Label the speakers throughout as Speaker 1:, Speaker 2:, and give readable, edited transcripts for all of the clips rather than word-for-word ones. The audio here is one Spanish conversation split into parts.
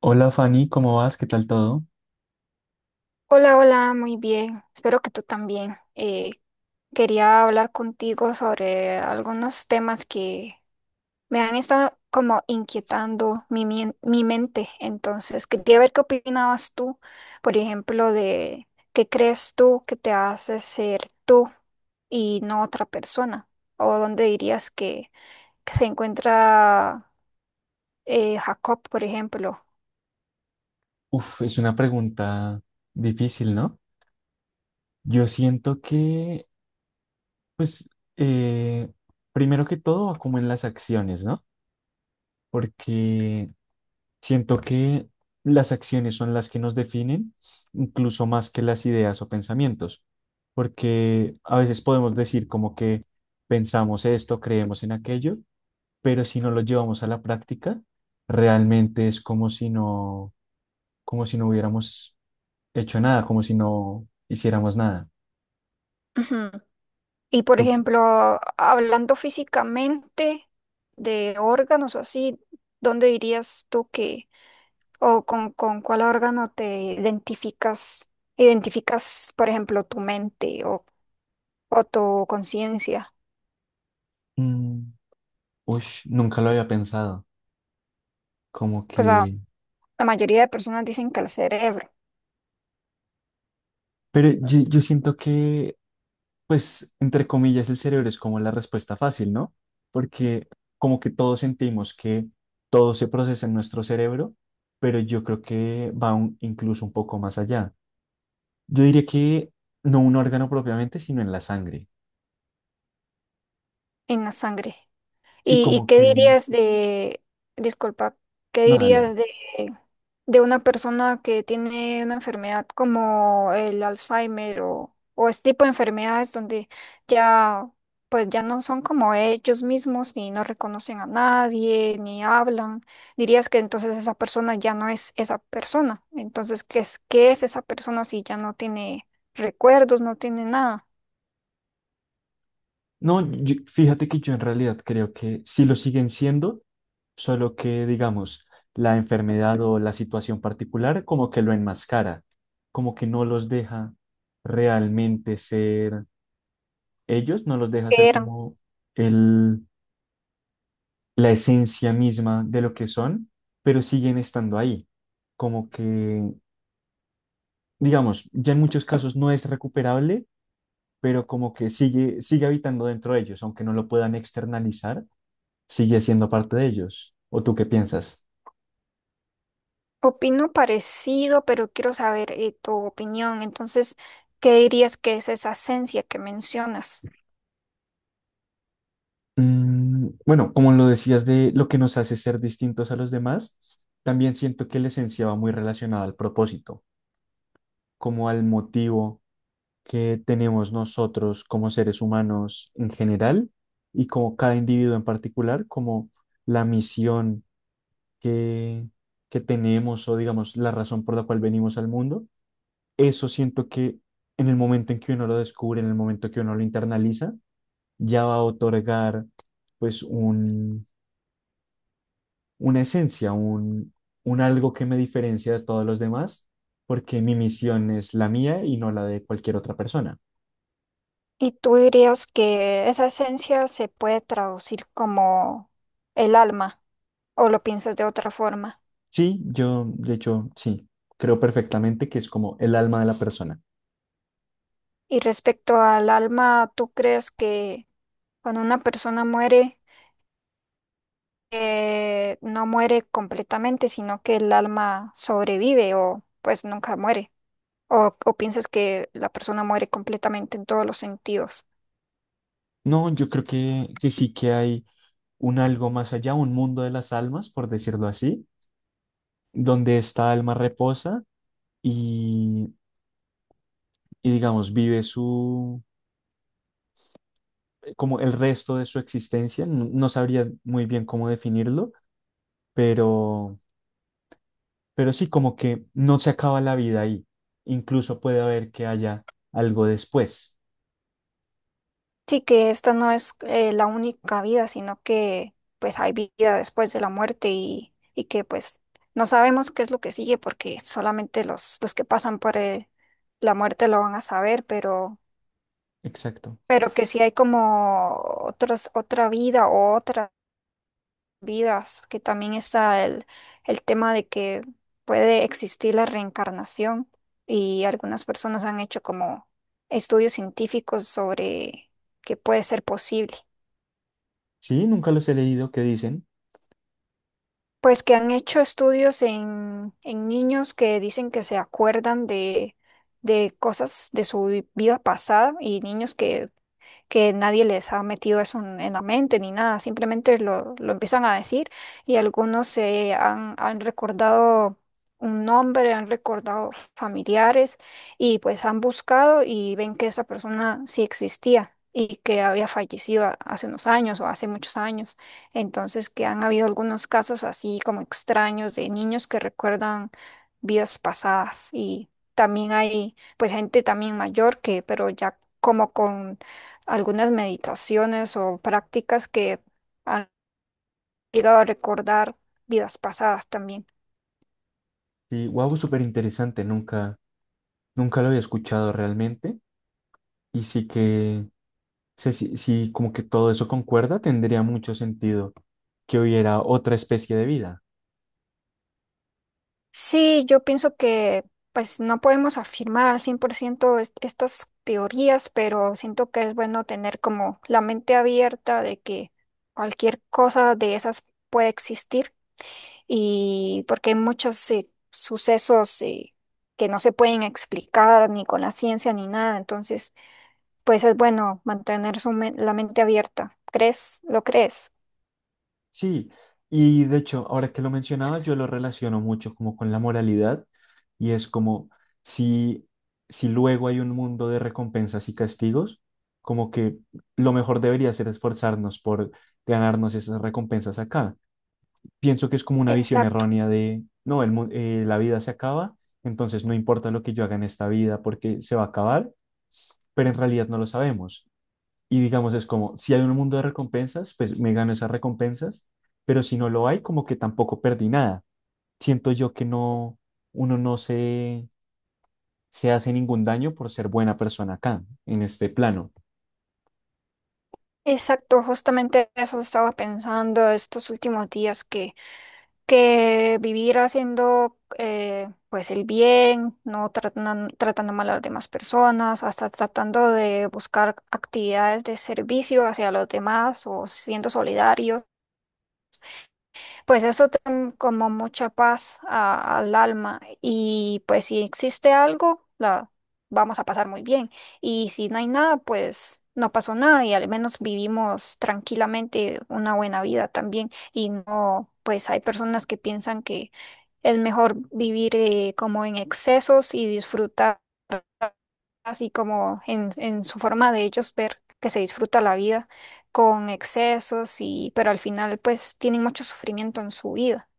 Speaker 1: Hola Fanny, ¿cómo vas? ¿Qué tal todo?
Speaker 2: Hola, hola, muy bien. Espero que tú también. Quería hablar contigo sobre algunos temas que me han estado como inquietando mi mente. Entonces, quería ver qué opinabas tú, por ejemplo, de qué crees tú que te hace ser tú y no otra persona, o dónde dirías que se encuentra Jacob, por ejemplo.
Speaker 1: Uf, es una pregunta difícil, ¿no? Yo siento que, pues, eh, primero que todo va como en las acciones, ¿no? Porque siento que las acciones son las que nos definen, incluso más que las ideas o pensamientos, porque a veces podemos decir como que pensamos esto, creemos en aquello, pero si no lo llevamos a la práctica, realmente es como si no hubiéramos hecho nada, como si no hiciéramos nada.
Speaker 2: Ujú. Y por
Speaker 1: Tú, qué-
Speaker 2: ejemplo, hablando físicamente de órganos o así, ¿dónde dirías tú o con cuál órgano te identificas, por ejemplo, tu mente o tu conciencia?
Speaker 1: mm, ush, nunca lo había pensado, como
Speaker 2: Pues
Speaker 1: que...
Speaker 2: la mayoría de personas dicen que el cerebro.
Speaker 1: Pero yo siento que, pues, entre comillas, el cerebro es como la respuesta fácil, ¿no? Porque como que todos sentimos que todo se procesa en nuestro cerebro, pero yo creo que va un- incluso un poco más allá. Yo diría que no un órgano propiamente, sino en la sangre.
Speaker 2: En la sangre.
Speaker 1: Sí,
Speaker 2: ¿Y
Speaker 1: como
Speaker 2: qué
Speaker 1: que...
Speaker 2: dirías de, disculpa, qué
Speaker 1: No, dale.
Speaker 2: dirías de una persona que tiene una enfermedad como el Alzheimer o este tipo de enfermedades donde ya, pues ya no son como ellos mismos ni no reconocen a nadie ni hablan. ¿Dirías que entonces esa persona ya no es esa persona? Entonces, qué es esa persona si ya no tiene recuerdos, no tiene nada?
Speaker 1: No, yo- fíjate que yo en realidad creo que sí lo siguen siendo, solo que, digamos, la enfermedad o la situación particular como que lo enmascara, como que no los deja realmente ser ellos, no los deja
Speaker 2: ¿Qué
Speaker 1: ser
Speaker 2: era?
Speaker 1: como el, la esencia misma de lo que son, pero siguen estando ahí. Como que, digamos, ya en muchos casos no es recuperable, pero como que sigue, sigue habitando dentro de ellos, aunque no lo puedan externalizar sigue siendo parte de ellos. ¿O tú qué piensas?
Speaker 2: Opino parecido, pero quiero saber tu opinión. Entonces, ¿qué dirías que es esa esencia que mencionas?
Speaker 1: Mm, bueno, como lo decías de lo que nos hace ser distintos a los demás, también siento que la esencia va muy relacionada al propósito, como al motivo que tenemos nosotros como seres humanos en general y como cada individuo en particular, como la misión que, que tenemos o digamos la razón por la cual venimos al mundo. Eso siento que en el momento en que uno lo descubre, en el momento que uno lo internaliza, ya va a otorgar pues un, una esencia, un algo que me diferencia de todos los demás, porque mi misión es la mía y no la de cualquier otra persona.
Speaker 2: ¿Y tú dirías que esa esencia se puede traducir como el alma o lo piensas de otra forma?
Speaker 1: Sí, yo, de hecho, sí, creo perfectamente que es como el alma de la persona.
Speaker 2: Y respecto al alma, ¿tú crees que cuando una persona muere, no muere completamente, sino que el alma sobrevive o pues nunca muere? ¿O piensas que la persona muere completamente en todos los sentidos?
Speaker 1: No, yo creo que sí que hay un algo más allá, un mundo de las almas, por decirlo así, donde esta alma reposa y, y digamos, vive como el resto de su existencia, no, no sabría muy bien cómo definirlo, pero, pero sí, como que no se acaba la vida ahí. Incluso puede haber que haya algo después.
Speaker 2: Sí, que esta no es la única vida, sino que pues hay vida después de la muerte y que pues no sabemos qué es lo que sigue porque solamente los que pasan por la muerte lo van a saber,
Speaker 1: Exacto.
Speaker 2: pero que sí hay como otros, otra vida o otras vidas, que también está el tema de que puede existir la reencarnación y algunas personas han hecho como estudios científicos sobre que puede ser posible.
Speaker 1: Sí, nunca los he leído, ¿qué dicen?
Speaker 2: Pues que han hecho estudios en niños que dicen que se acuerdan de cosas de su vida pasada y niños que nadie les ha metido eso en la mente ni nada, simplemente lo empiezan a decir y algunos se han recordado un nombre, han recordado familiares y pues han buscado y ven que esa persona sí existía. Y que había fallecido hace unos años o hace muchos años. Entonces, que han habido algunos casos así como extraños de niños que recuerdan vidas pasadas y también hay pues gente también mayor que, pero ya como con algunas meditaciones o prácticas que han llegado a recordar vidas pasadas también.
Speaker 1: Sí, wow, súper interesante, nunca, nunca lo había escuchado realmente. Y sí que, sí, sí, sí, como que todo eso concuerda, tendría mucho sentido que hubiera otra especie de vida.
Speaker 2: Sí, yo pienso que pues no podemos afirmar al 100% estas teorías, pero siento que es bueno tener como la mente abierta de que cualquier cosa de esas puede existir y porque hay muchos sucesos que no se pueden explicar ni con la ciencia ni nada, entonces pues es bueno mantener su la mente abierta. ¿Crees? ¿Lo crees?
Speaker 1: Sí, y de hecho, ahora que lo mencionabas, yo lo relaciono mucho como con la moralidad y es como si, si luego hay un mundo de recompensas y castigos, como que lo mejor debería ser esforzarnos por ganarnos esas recompensas acá. Pienso que es como una visión
Speaker 2: Exacto.
Speaker 1: errónea de, no, el, mu- la vida se acaba, entonces no importa lo que yo haga en esta vida porque se va a acabar, pero en realidad no lo sabemos. Y digamos, es como, si hay un mundo de recompensas, pues me gano esas recompensas, pero si no lo hay, como que tampoco perdí nada. Siento yo que no, uno no se, se hace ningún daño por ser buena persona acá, en este plano.
Speaker 2: Exacto, justamente eso estaba pensando estos últimos días que vivir haciendo pues el bien, no tratando mal a las demás personas, hasta tratando de buscar actividades de servicio hacia los demás o siendo solidarios. Pues eso te da como mucha paz al alma y pues si existe algo, la vamos a pasar muy bien y si no hay nada, pues no pasó nada y al menos vivimos tranquilamente una buena vida también y no, pues hay personas que piensan que es mejor vivir como en excesos y disfrutar así como en su forma de ellos ver que se disfruta la vida con excesos y pero al final pues tienen mucho sufrimiento en su vida.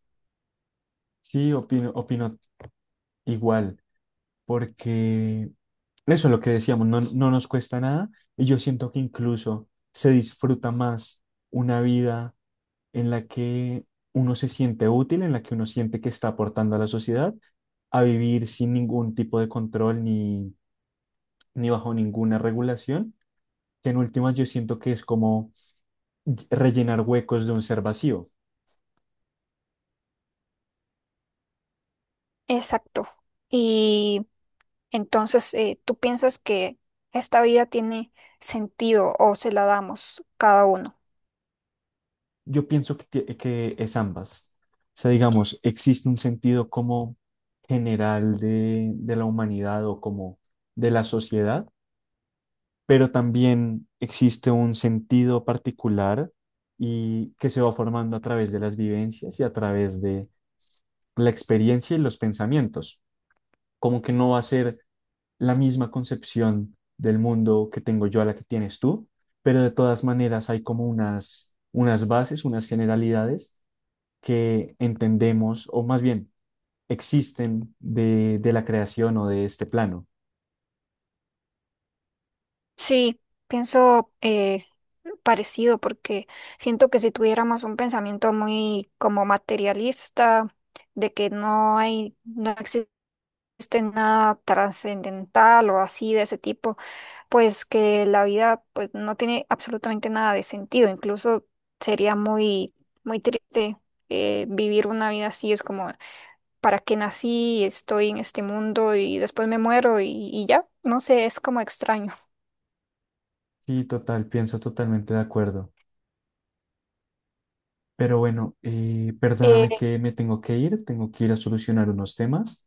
Speaker 1: Sí, opino, opino igual, porque eso es lo que decíamos, no, no nos cuesta nada y yo siento que incluso se disfruta más una vida en la que uno se siente útil, en la que uno siente que está aportando a la sociedad, a vivir sin ningún tipo de control ni, ni bajo ninguna regulación, que en últimas yo siento que es como rellenar huecos de un ser vacío.
Speaker 2: Exacto. Y entonces, ¿tú piensas que esta vida tiene sentido o se la damos cada uno?
Speaker 1: Yo pienso que, tie- que es ambas. O sea, digamos, existe un sentido como general de la humanidad o como de la sociedad pero también existe un sentido particular y que se va formando a través de las vivencias y a través de la experiencia y los pensamientos. Como que no va a ser la misma concepción del mundo que tengo yo a la que tienes tú, pero de todas maneras hay como unas, unas bases, unas generalidades que entendemos, o más bien existen de la creación o de este plano.
Speaker 2: Sí, pienso parecido porque siento que si tuviéramos un pensamiento muy como materialista, de que no hay, no existe nada trascendental o así de ese tipo, pues que la vida pues no tiene absolutamente nada de sentido, incluso sería muy muy triste, vivir una vida así, es como para qué nací, estoy en este mundo y después me muero y ya, no sé, es como extraño.
Speaker 1: Sí, total, pienso totalmente de acuerdo. Pero bueno,
Speaker 2: Eh,
Speaker 1: perdóname que me tengo que ir a solucionar unos temas,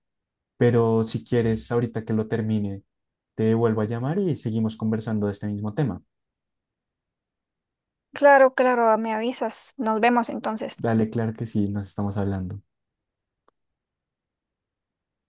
Speaker 1: pero si quieres, ahorita que lo termine, te vuelvo a llamar y seguimos conversando de este mismo tema.
Speaker 2: claro, claro, me avisas, nos vemos entonces.
Speaker 1: Dale, claro que sí, nos estamos hablando.